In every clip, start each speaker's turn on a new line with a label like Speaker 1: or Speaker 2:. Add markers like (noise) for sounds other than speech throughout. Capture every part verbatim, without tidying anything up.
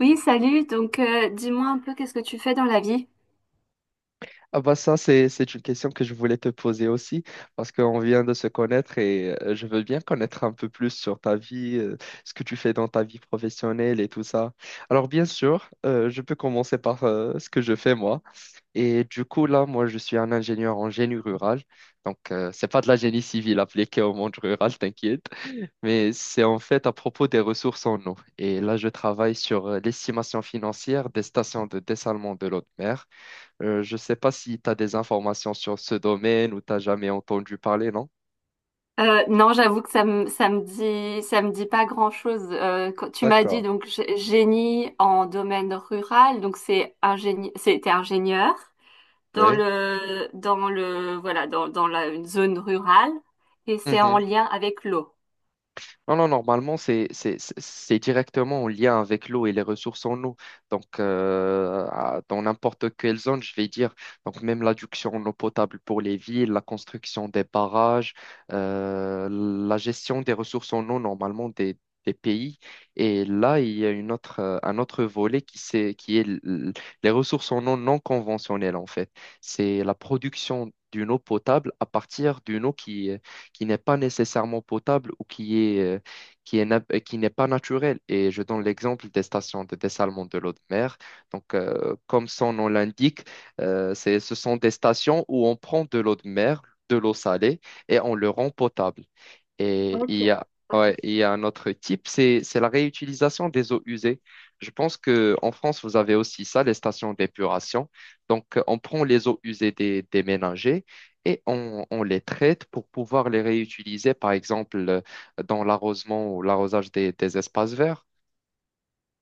Speaker 1: Oui, salut. Donc, euh, dis-moi un peu qu'est-ce que tu fais dans la vie?
Speaker 2: Ah bah ça, c'est, c'est une question que je voulais te poser aussi, parce qu'on vient de se connaître et euh, je veux bien connaître un peu plus sur ta vie, euh, ce que tu fais dans ta vie professionnelle et tout ça. Alors bien sûr, euh, je peux commencer par euh, ce que je fais moi. Et du coup, là, moi, je suis un ingénieur en génie rural. Donc, euh, c'est pas de la génie civile appliquée au monde rural, (laughs) t'inquiète, mais c'est en fait à propos des ressources en eau. Et là, je travaille sur euh, l'estimation financière des stations de dessalement de l'eau de mer. Euh, je ne sais pas si tu as des informations sur ce domaine ou tu n'as jamais entendu parler, non?
Speaker 1: Euh, non, j'avoue que ça me ça me dit ça me dit pas grand-chose. Euh, quand tu m'as dit
Speaker 2: D'accord.
Speaker 1: donc g- génie en domaine rural, donc c'est ingénie c'était ingénieur dans
Speaker 2: Oui.
Speaker 1: le dans le voilà dans dans la une zone rurale et c'est en lien avec l'eau.
Speaker 2: Non, non, normalement, c'est c'est- c'est- c'est directement en lien avec l'eau et les ressources en eau. Donc, euh, à- dans n'importe quelle zone, je vais dire, donc même l'adduction en eau potable pour les villes, la construction des barrages, euh, la gestion des ressources en eau, normalement, des, des pays. Et là, il y a une autre, euh, un autre volet qui, c'est, qui est l- l- les ressources en eau non conventionnelles, en fait. C'est la production d'une eau potable à partir d'une eau qui n'est pas nécessairement potable ou qui est, euh, qui est, na- euh, qui n'est pas naturel. Et je donne l'exemple des stations de dessalement de l'eau de mer. Donc, euh, comme son nom l'indique, euh, c'est, ce sont des stations où on prend de l'eau de mer, de l'eau salée, et on le rend potable. Et il y a,
Speaker 1: Ok.
Speaker 2: ouais, il y a un autre type, c'est, c'est la réutilisation des eaux usées. Je pense qu'en France, vous avez aussi ça, les stations d'épuration. Donc, euh, on prend les eaux usées des, des ménagers et on, on les traite pour pouvoir les réutiliser, par exemple, euh, dans l'arrosement ou l'arrosage des, des espaces verts.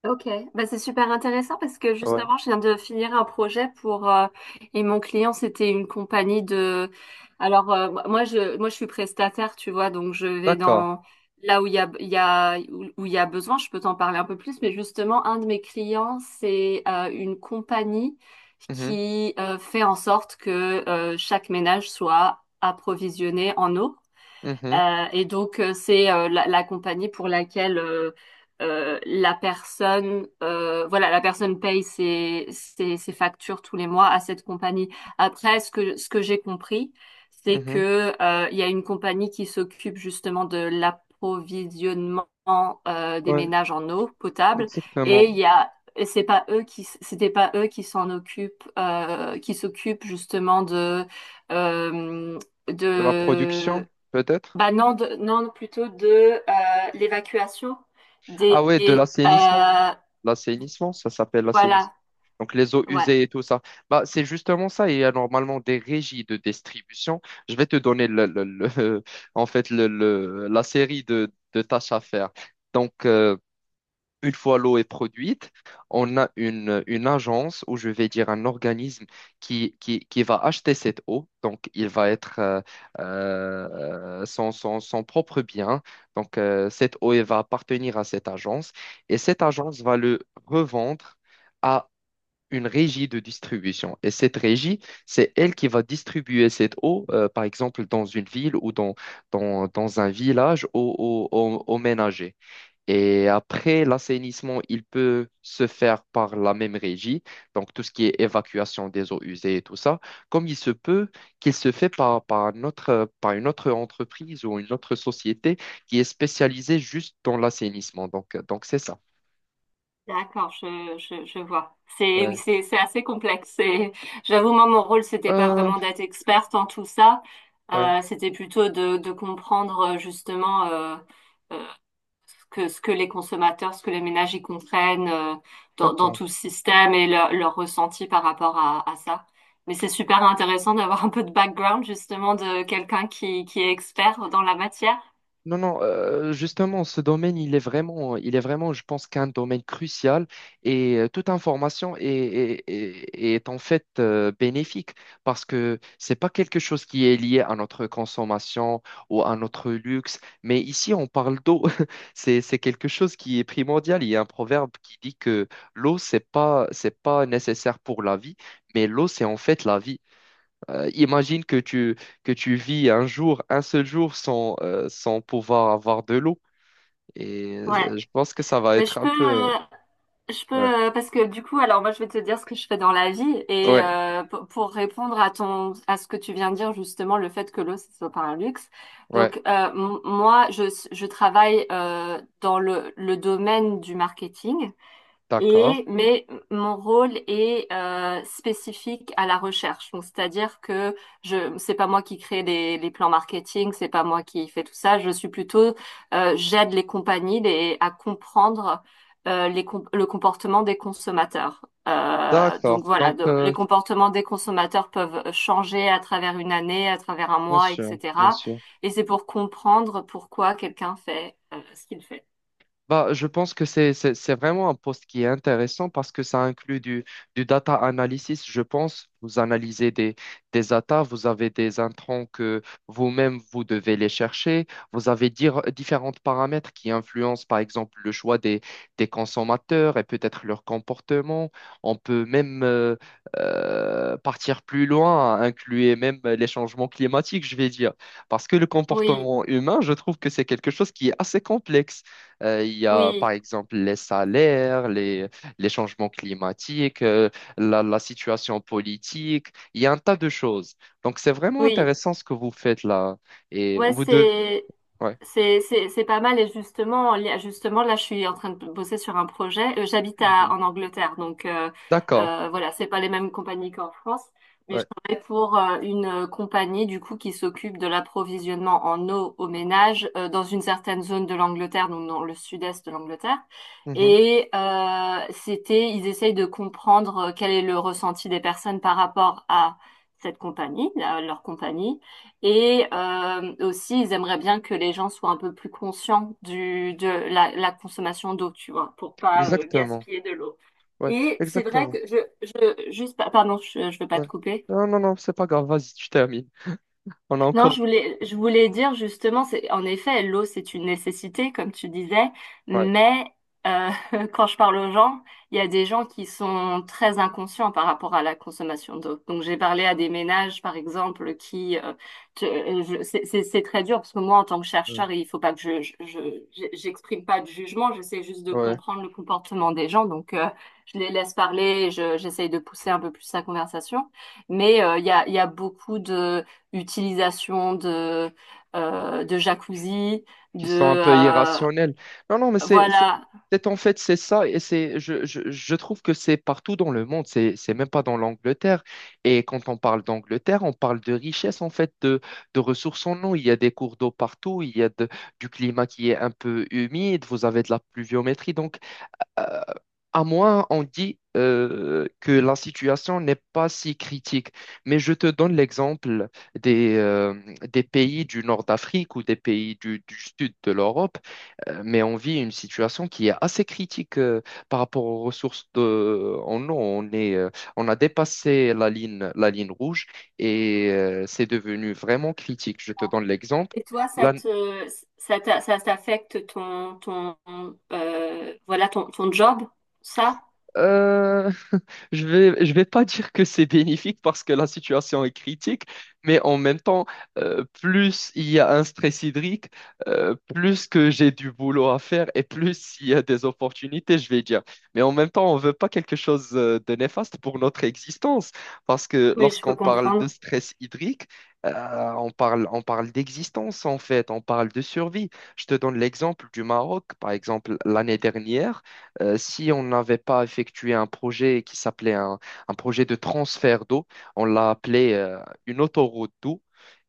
Speaker 1: Ok, bah, c'est super intéressant parce que
Speaker 2: Ouais,
Speaker 1: justement, je viens de finir un projet pour euh, et mon client, c'était une compagnie de. Alors euh, moi, je moi je suis prestataire, tu vois, donc je vais
Speaker 2: d'accord.
Speaker 1: dans là où il y a il y a où où il y a besoin. Je peux t'en parler un peu plus, mais justement, un de mes clients, c'est euh, une compagnie
Speaker 2: Mhm,
Speaker 1: qui euh, fait en sorte que euh, chaque ménage soit approvisionné en eau.
Speaker 2: mhm,
Speaker 1: Euh, et donc, euh, c'est euh, la, la compagnie pour laquelle euh, euh, la personne, euh, voilà, la personne paye ses, ses, ses factures tous les mois à cette compagnie. Après, ce que, ce que j'ai compris, c'est
Speaker 2: mhm.
Speaker 1: que euh, il y a une compagnie qui s'occupe justement de l'approvisionnement euh, des
Speaker 2: Ouais,
Speaker 1: ménages en eau potable, et il
Speaker 2: exactement.
Speaker 1: y a et c'est pas eux qui s- c'était pas eux qui s'en occupent, euh, qui s'occupent justement de euh,
Speaker 2: De la production,
Speaker 1: de
Speaker 2: peut-être?
Speaker 1: bah non, de- non plutôt de euh, l'évacuation
Speaker 2: Ah
Speaker 1: des...
Speaker 2: ouais, de
Speaker 1: des,
Speaker 2: l'assainissement.
Speaker 1: euh,
Speaker 2: L'assainissement, ça s'appelle l'assainissement.
Speaker 1: voilà,
Speaker 2: Donc les eaux
Speaker 1: ouais,
Speaker 2: usées et tout ça. Bah, c'est justement ça. Il y a normalement des régies de distribution. Je vais te donner le, le- le- (laughs) en fait le, le- la série de, de tâches à faire. Donc, euh, Une fois l'eau est produite, on a une, une agence, ou je vais dire un organisme qui, qui, qui va acheter cette eau. Donc, il va être euh, euh, son, son, son propre bien. Donc, euh, cette eau, elle va appartenir à cette agence. Et cette agence va le revendre à une régie de distribution. Et cette régie, c'est elle qui va distribuer cette eau, euh, par exemple, dans une ville ou dans, dans, dans un village, aux aux au, aux ménagers. Et après, l'assainissement, il peut se faire par la même régie, donc tout ce qui est évacuation des eaux usées et tout ça, comme il se peut qu'il se fait par, par un par une autre entreprise ou une autre société qui est spécialisée juste dans l'assainissement. Donc, donc c'est ça.
Speaker 1: d'accord, je, je, je vois. C'est, oui,
Speaker 2: Ouais.
Speaker 1: c'est, c'est assez complexe. C'est- J'avoue, moi, mon rôle, c'était pas
Speaker 2: Euh,
Speaker 1: vraiment d'être experte en tout ça.
Speaker 2: ouais,
Speaker 1: Euh, c'était plutôt de, de comprendre euh, justement... Euh, ce que, ce que les consommateurs, ce que les ménages y comprennent euh, dans, dans
Speaker 2: d'accord.
Speaker 1: tout le système et leur, leur ressenti par rapport à, à ça. Mais c'est super intéressant d'avoir un peu de background justement de quelqu'un qui, qui est expert dans la matière.
Speaker 2: Non, non, euh, justement, ce domaine, il est vraiment, il est vraiment, je pense, qu'un domaine crucial et euh, toute information est, est, est- est en fait euh, bénéfique parce que c'est pas quelque chose qui est lié à notre consommation ou à notre luxe, mais ici, on parle d'eau. (laughs) C'est, c'est quelque chose qui est primordial. Il y a un proverbe qui dit que l'eau, c'est pas, c'est pas nécessaire pour la vie, mais l'eau, c'est en fait la vie. Euh, imagine que tu, que tu vis un jour, un seul jour sans, euh, sans pouvoir avoir de l'eau. Et
Speaker 1: Ouais,
Speaker 2: euh, je pense que ça va
Speaker 1: mais
Speaker 2: être
Speaker 1: je
Speaker 2: un
Speaker 1: peux,
Speaker 2: peu...
Speaker 1: euh, je peux
Speaker 2: Ouais,
Speaker 1: euh, parce que du coup, alors moi je vais te dire ce que je fais dans la vie et
Speaker 2: ouais,
Speaker 1: euh, pour pour répondre à ton à ce que tu viens de dire justement le fait que l'eau ce soit pas un luxe.
Speaker 2: ouais.
Speaker 1: Donc euh, m- moi je je travaille euh, dans le le domaine du marketing.
Speaker 2: D'accord,
Speaker 1: Et, mais mon rôle est euh, spécifique à la recherche. Donc, c'est-à-dire que je, c'est pas moi qui crée les, les plans marketing, c'est pas moi qui fais tout ça. Je suis plutôt, euh, j'aide les compagnies les- à comprendre euh, les com- le comportement des consommateurs. Euh,
Speaker 2: d'accord.
Speaker 1: donc voilà,
Speaker 2: Donc,
Speaker 1: de-
Speaker 2: euh,
Speaker 1: les comportements des consommateurs peuvent changer à travers une année, à travers un
Speaker 2: bien
Speaker 1: mois,
Speaker 2: sûr, bien
Speaker 1: et cetera.
Speaker 2: sûr.
Speaker 1: Et c'est pour comprendre pourquoi quelqu'un fait euh, ce qu'il fait.
Speaker 2: Bah, je pense que c'est, c'est, c'est vraiment un poste qui est intéressant parce que ça inclut du, du data analysis, je pense. Vous analysez des, des data, vous avez des intrants que vous-même, vous devez les chercher. Vous avez dire, différents paramètres qui influencent, par exemple, le choix des, des consommateurs et peut-être leur comportement. On peut même euh, euh, partir plus loin, inclure même les changements climatiques, je vais dire. Parce que le
Speaker 1: Oui,
Speaker 2: comportement humain, je trouve que c'est quelque chose qui est assez complexe. Euh, il y a
Speaker 1: oui,
Speaker 2: par exemple les salaires, les, les changements climatiques, euh, la, la situation politique. Il y a un tas de choses. Donc c'est vraiment
Speaker 1: oui.
Speaker 2: intéressant ce que vous faites là. Et
Speaker 1: Ouais,
Speaker 2: vous devez...
Speaker 1: c'est
Speaker 2: Ouais.
Speaker 1: c'est c'est c'est pas mal et justement li- justement là je suis en train de bosser sur un projet. Euh, J'habite à
Speaker 2: Mhm.
Speaker 1: en Angleterre donc euh,
Speaker 2: D'accord.
Speaker 1: euh, voilà c'est pas les mêmes compagnies qu'en France, mais
Speaker 2: Ouais.
Speaker 1: je travaille pour euh, une euh, compagnie du coup qui s'occupe de l'approvisionnement en eau aux ménages euh, dans une certaine zone de l'Angleterre, donc dans le sud-est de l'Angleterre
Speaker 2: Mhm.
Speaker 1: et euh, c'était ils essayent de comprendre euh, quel est le ressenti des personnes par rapport à cette compagnie, à leur compagnie et euh, aussi, ils aimeraient bien que les gens soient un peu plus conscients du, de la, la consommation d'eau, tu vois, pour pas euh,
Speaker 2: Exactement.
Speaker 1: gaspiller de l'eau.
Speaker 2: Ouais.
Speaker 1: Et c'est vrai
Speaker 2: Exactement.
Speaker 1: que je, je juste, pa- pardon, je, je veux pas
Speaker 2: Ouais.
Speaker 1: te couper.
Speaker 2: Non, non, non, c'est pas grave. Vas-y, tu termines. On a
Speaker 1: Non,
Speaker 2: encore...
Speaker 1: je voulais, je voulais dire justement, c'est, en effet, l'eau, c'est une nécessité, comme tu disais,
Speaker 2: Ouais.
Speaker 1: mais euh, (laughs) quand je parle aux gens, il y a des gens qui sont très inconscients par rapport à la consommation d'eau. Donc, j'ai parlé à des ménages, par exemple, qui, euh, te- euh, je- c'est c'est- c'est très dur parce que moi, en tant que
Speaker 2: Ouais.
Speaker 1: chercheur, il faut pas que je, je, je- je- j'exprime pas de jugement, j'essaie juste de
Speaker 2: Ouais.
Speaker 1: comprendre le comportement des gens. Donc, euh, je les laisse parler, et je, j'essaye de pousser un peu plus la conversation, mais euh, il y a, il y a beaucoup de utilisation de, euh, de jacuzzi,
Speaker 2: Qui sont un
Speaker 1: de...
Speaker 2: peu
Speaker 1: euh,
Speaker 2: irrationnels. Non, non, mais c'est, c'est,
Speaker 1: voilà.
Speaker 2: c'est- en fait, c'est ça, et c'est, je, je, je trouve que c'est partout dans le monde, c'est, c'est même pas dans l'Angleterre. Et quand on parle d'Angleterre, on parle de richesse, en fait, de, de ressources en eau. Il y a des cours d'eau partout, il y a de- du climat qui est un peu humide, vous avez de la pluviométrie. Donc, euh, à moi, on dit euh, que la situation n'est pas si critique. Mais je te donne l'exemple des, euh, des pays du nord d'Afrique ou des pays du, du sud de l'Europe. Euh, mais on vit une situation qui est assez critique euh, par rapport aux ressources de, en eau. On est, euh, on a dépassé la ligne, la ligne rouge et euh, c'est devenu vraiment critique. Je te donne l'exemple.
Speaker 1: Et toi, ça
Speaker 2: La-
Speaker 1: te, ça t'a- ça t'affecte ton, ton, euh, voilà, ton, ton job, ça?
Speaker 2: euh, Je vais, je vais pas dire que c'est bénéfique parce que la situation est critique, mais en même temps, euh, plus il y a un stress hydrique, euh, plus que j'ai du boulot à faire et plus il y a des opportunités, je vais dire. Mais en même temps, on veut pas quelque chose euh, de néfaste pour notre existence parce que
Speaker 1: Oui, je peux
Speaker 2: lorsqu'on parle
Speaker 1: comprendre.
Speaker 2: de stress hydrique, euh, on parle, on parle d'existence en fait, on parle de survie. Je te donne l'exemple du Maroc, par exemple, l'année dernière. Euh, si on n'avait pas effectué un projet qui s'appelait un, un projet de transfert d'eau, on l'a appelé euh, une autoroute d'eau.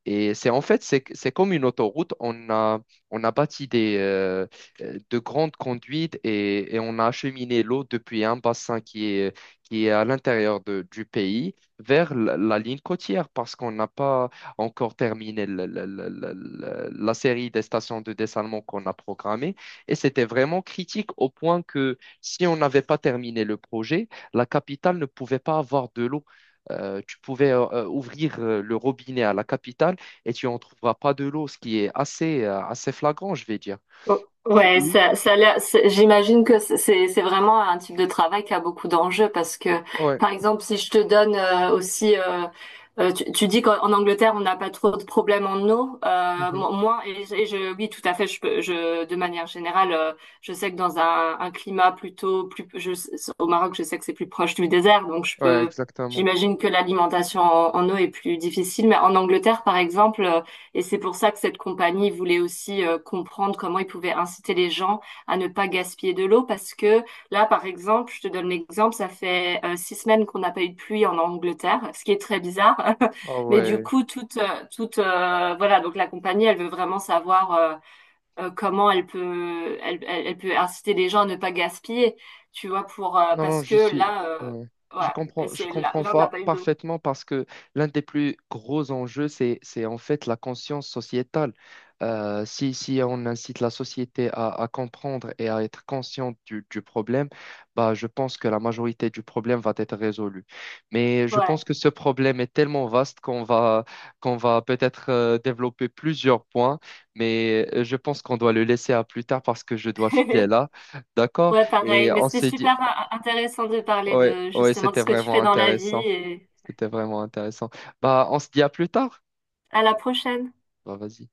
Speaker 2: Et c'est en fait, c'est c'est comme une autoroute. On a, on a bâti des, euh, euh, de grandes conduites et, et on a acheminé l'eau depuis un bassin qui est, qui est à l'intérieur de- du pays vers la, la ligne côtière parce qu'on n'a pas encore terminé le- le- le- le- le- la série des stations de dessalement qu'on a programmées. Et c'était vraiment critique au point que si on n'avait pas terminé le projet, la capitale ne pouvait pas avoir de l'eau. Euh, tu pouvais euh, ouvrir euh, le robinet à la capitale et tu en trouveras pas de l'eau, ce qui est assez, euh, assez flagrant, je vais dire.
Speaker 1: Oh,
Speaker 2: Co-
Speaker 1: ouais,
Speaker 2: oui.
Speaker 1: ça, ça a l'air- c'est- j'imagine que c'est c'est c'est vraiment un type de travail qui a beaucoup d'enjeux parce que,
Speaker 2: Ouais,
Speaker 1: par exemple, si je te donne euh, aussi, euh, euh, tu, tu dis qu'en en Angleterre on n'a pas trop de problèmes en eau, euh,
Speaker 2: mhm.
Speaker 1: mo- moi et, je, et je- oui, tout à fait, je, peux- je de manière générale, euh, je sais que dans un, un climat plutôt plus, je, au Maroc, je sais que c'est plus proche du désert, donc je
Speaker 2: Ouais,
Speaker 1: peux,
Speaker 2: exactement.
Speaker 1: j'imagine que l'alimentation en, en eau est plus difficile, mais en Angleterre, par exemple. euh, et c'est pour ça que cette compagnie voulait aussi euh, comprendre comment ils pouvaient inciter les gens à ne pas gaspiller de l'eau parce que là, par exemple, je te donne l'exemple, ça fait euh, six semaines qu'on n'a pas eu de pluie en Angleterre, ce qui est très bizarre.
Speaker 2: Ah
Speaker 1: (laughs) Mais du
Speaker 2: ouais.
Speaker 1: coup, toute, euh, toute, euh, voilà, donc la compagnie, elle veut vraiment savoir euh, euh, comment elle peut, elle, elle- elle peut inciter les gens à ne pas gaspiller, tu vois, pour euh,
Speaker 2: Non, non,
Speaker 1: parce que
Speaker 2: je suis.
Speaker 1: là, euh,
Speaker 2: Ouais. Je
Speaker 1: ouais,
Speaker 2: comprends, je
Speaker 1: c'est là,
Speaker 2: comprends
Speaker 1: là, on n'a
Speaker 2: fa-
Speaker 1: pas eu d'eau.
Speaker 2: parfaitement parce que l'un des plus gros enjeux, c'est, c'est en fait la conscience sociétale. Euh, si, si on incite la société à, à comprendre et à être consciente du, du problème, bah, je pense que la majorité du problème va être résolue. Mais je
Speaker 1: Ouais.
Speaker 2: pense que ce problème est tellement vaste qu'on va, qu'on va peut-être euh, développer plusieurs points, mais euh, je pense qu'on doit le laisser à plus tard parce que je dois filer
Speaker 1: (laughs)
Speaker 2: là. D'accord?
Speaker 1: Ouais, pareil.
Speaker 2: Et
Speaker 1: Mais
Speaker 2: on
Speaker 1: c'était
Speaker 2: se dit.
Speaker 1: super in- intéressant de parler
Speaker 2: Ouais,
Speaker 1: de
Speaker 2: ouais,
Speaker 1: justement de
Speaker 2: c'était
Speaker 1: ce que tu
Speaker 2: vraiment
Speaker 1: fais dans la vie
Speaker 2: intéressant.
Speaker 1: et
Speaker 2: C'était vraiment intéressant. Bah, on se dit à plus tard.
Speaker 1: à la prochaine.
Speaker 2: Bah, vas-y.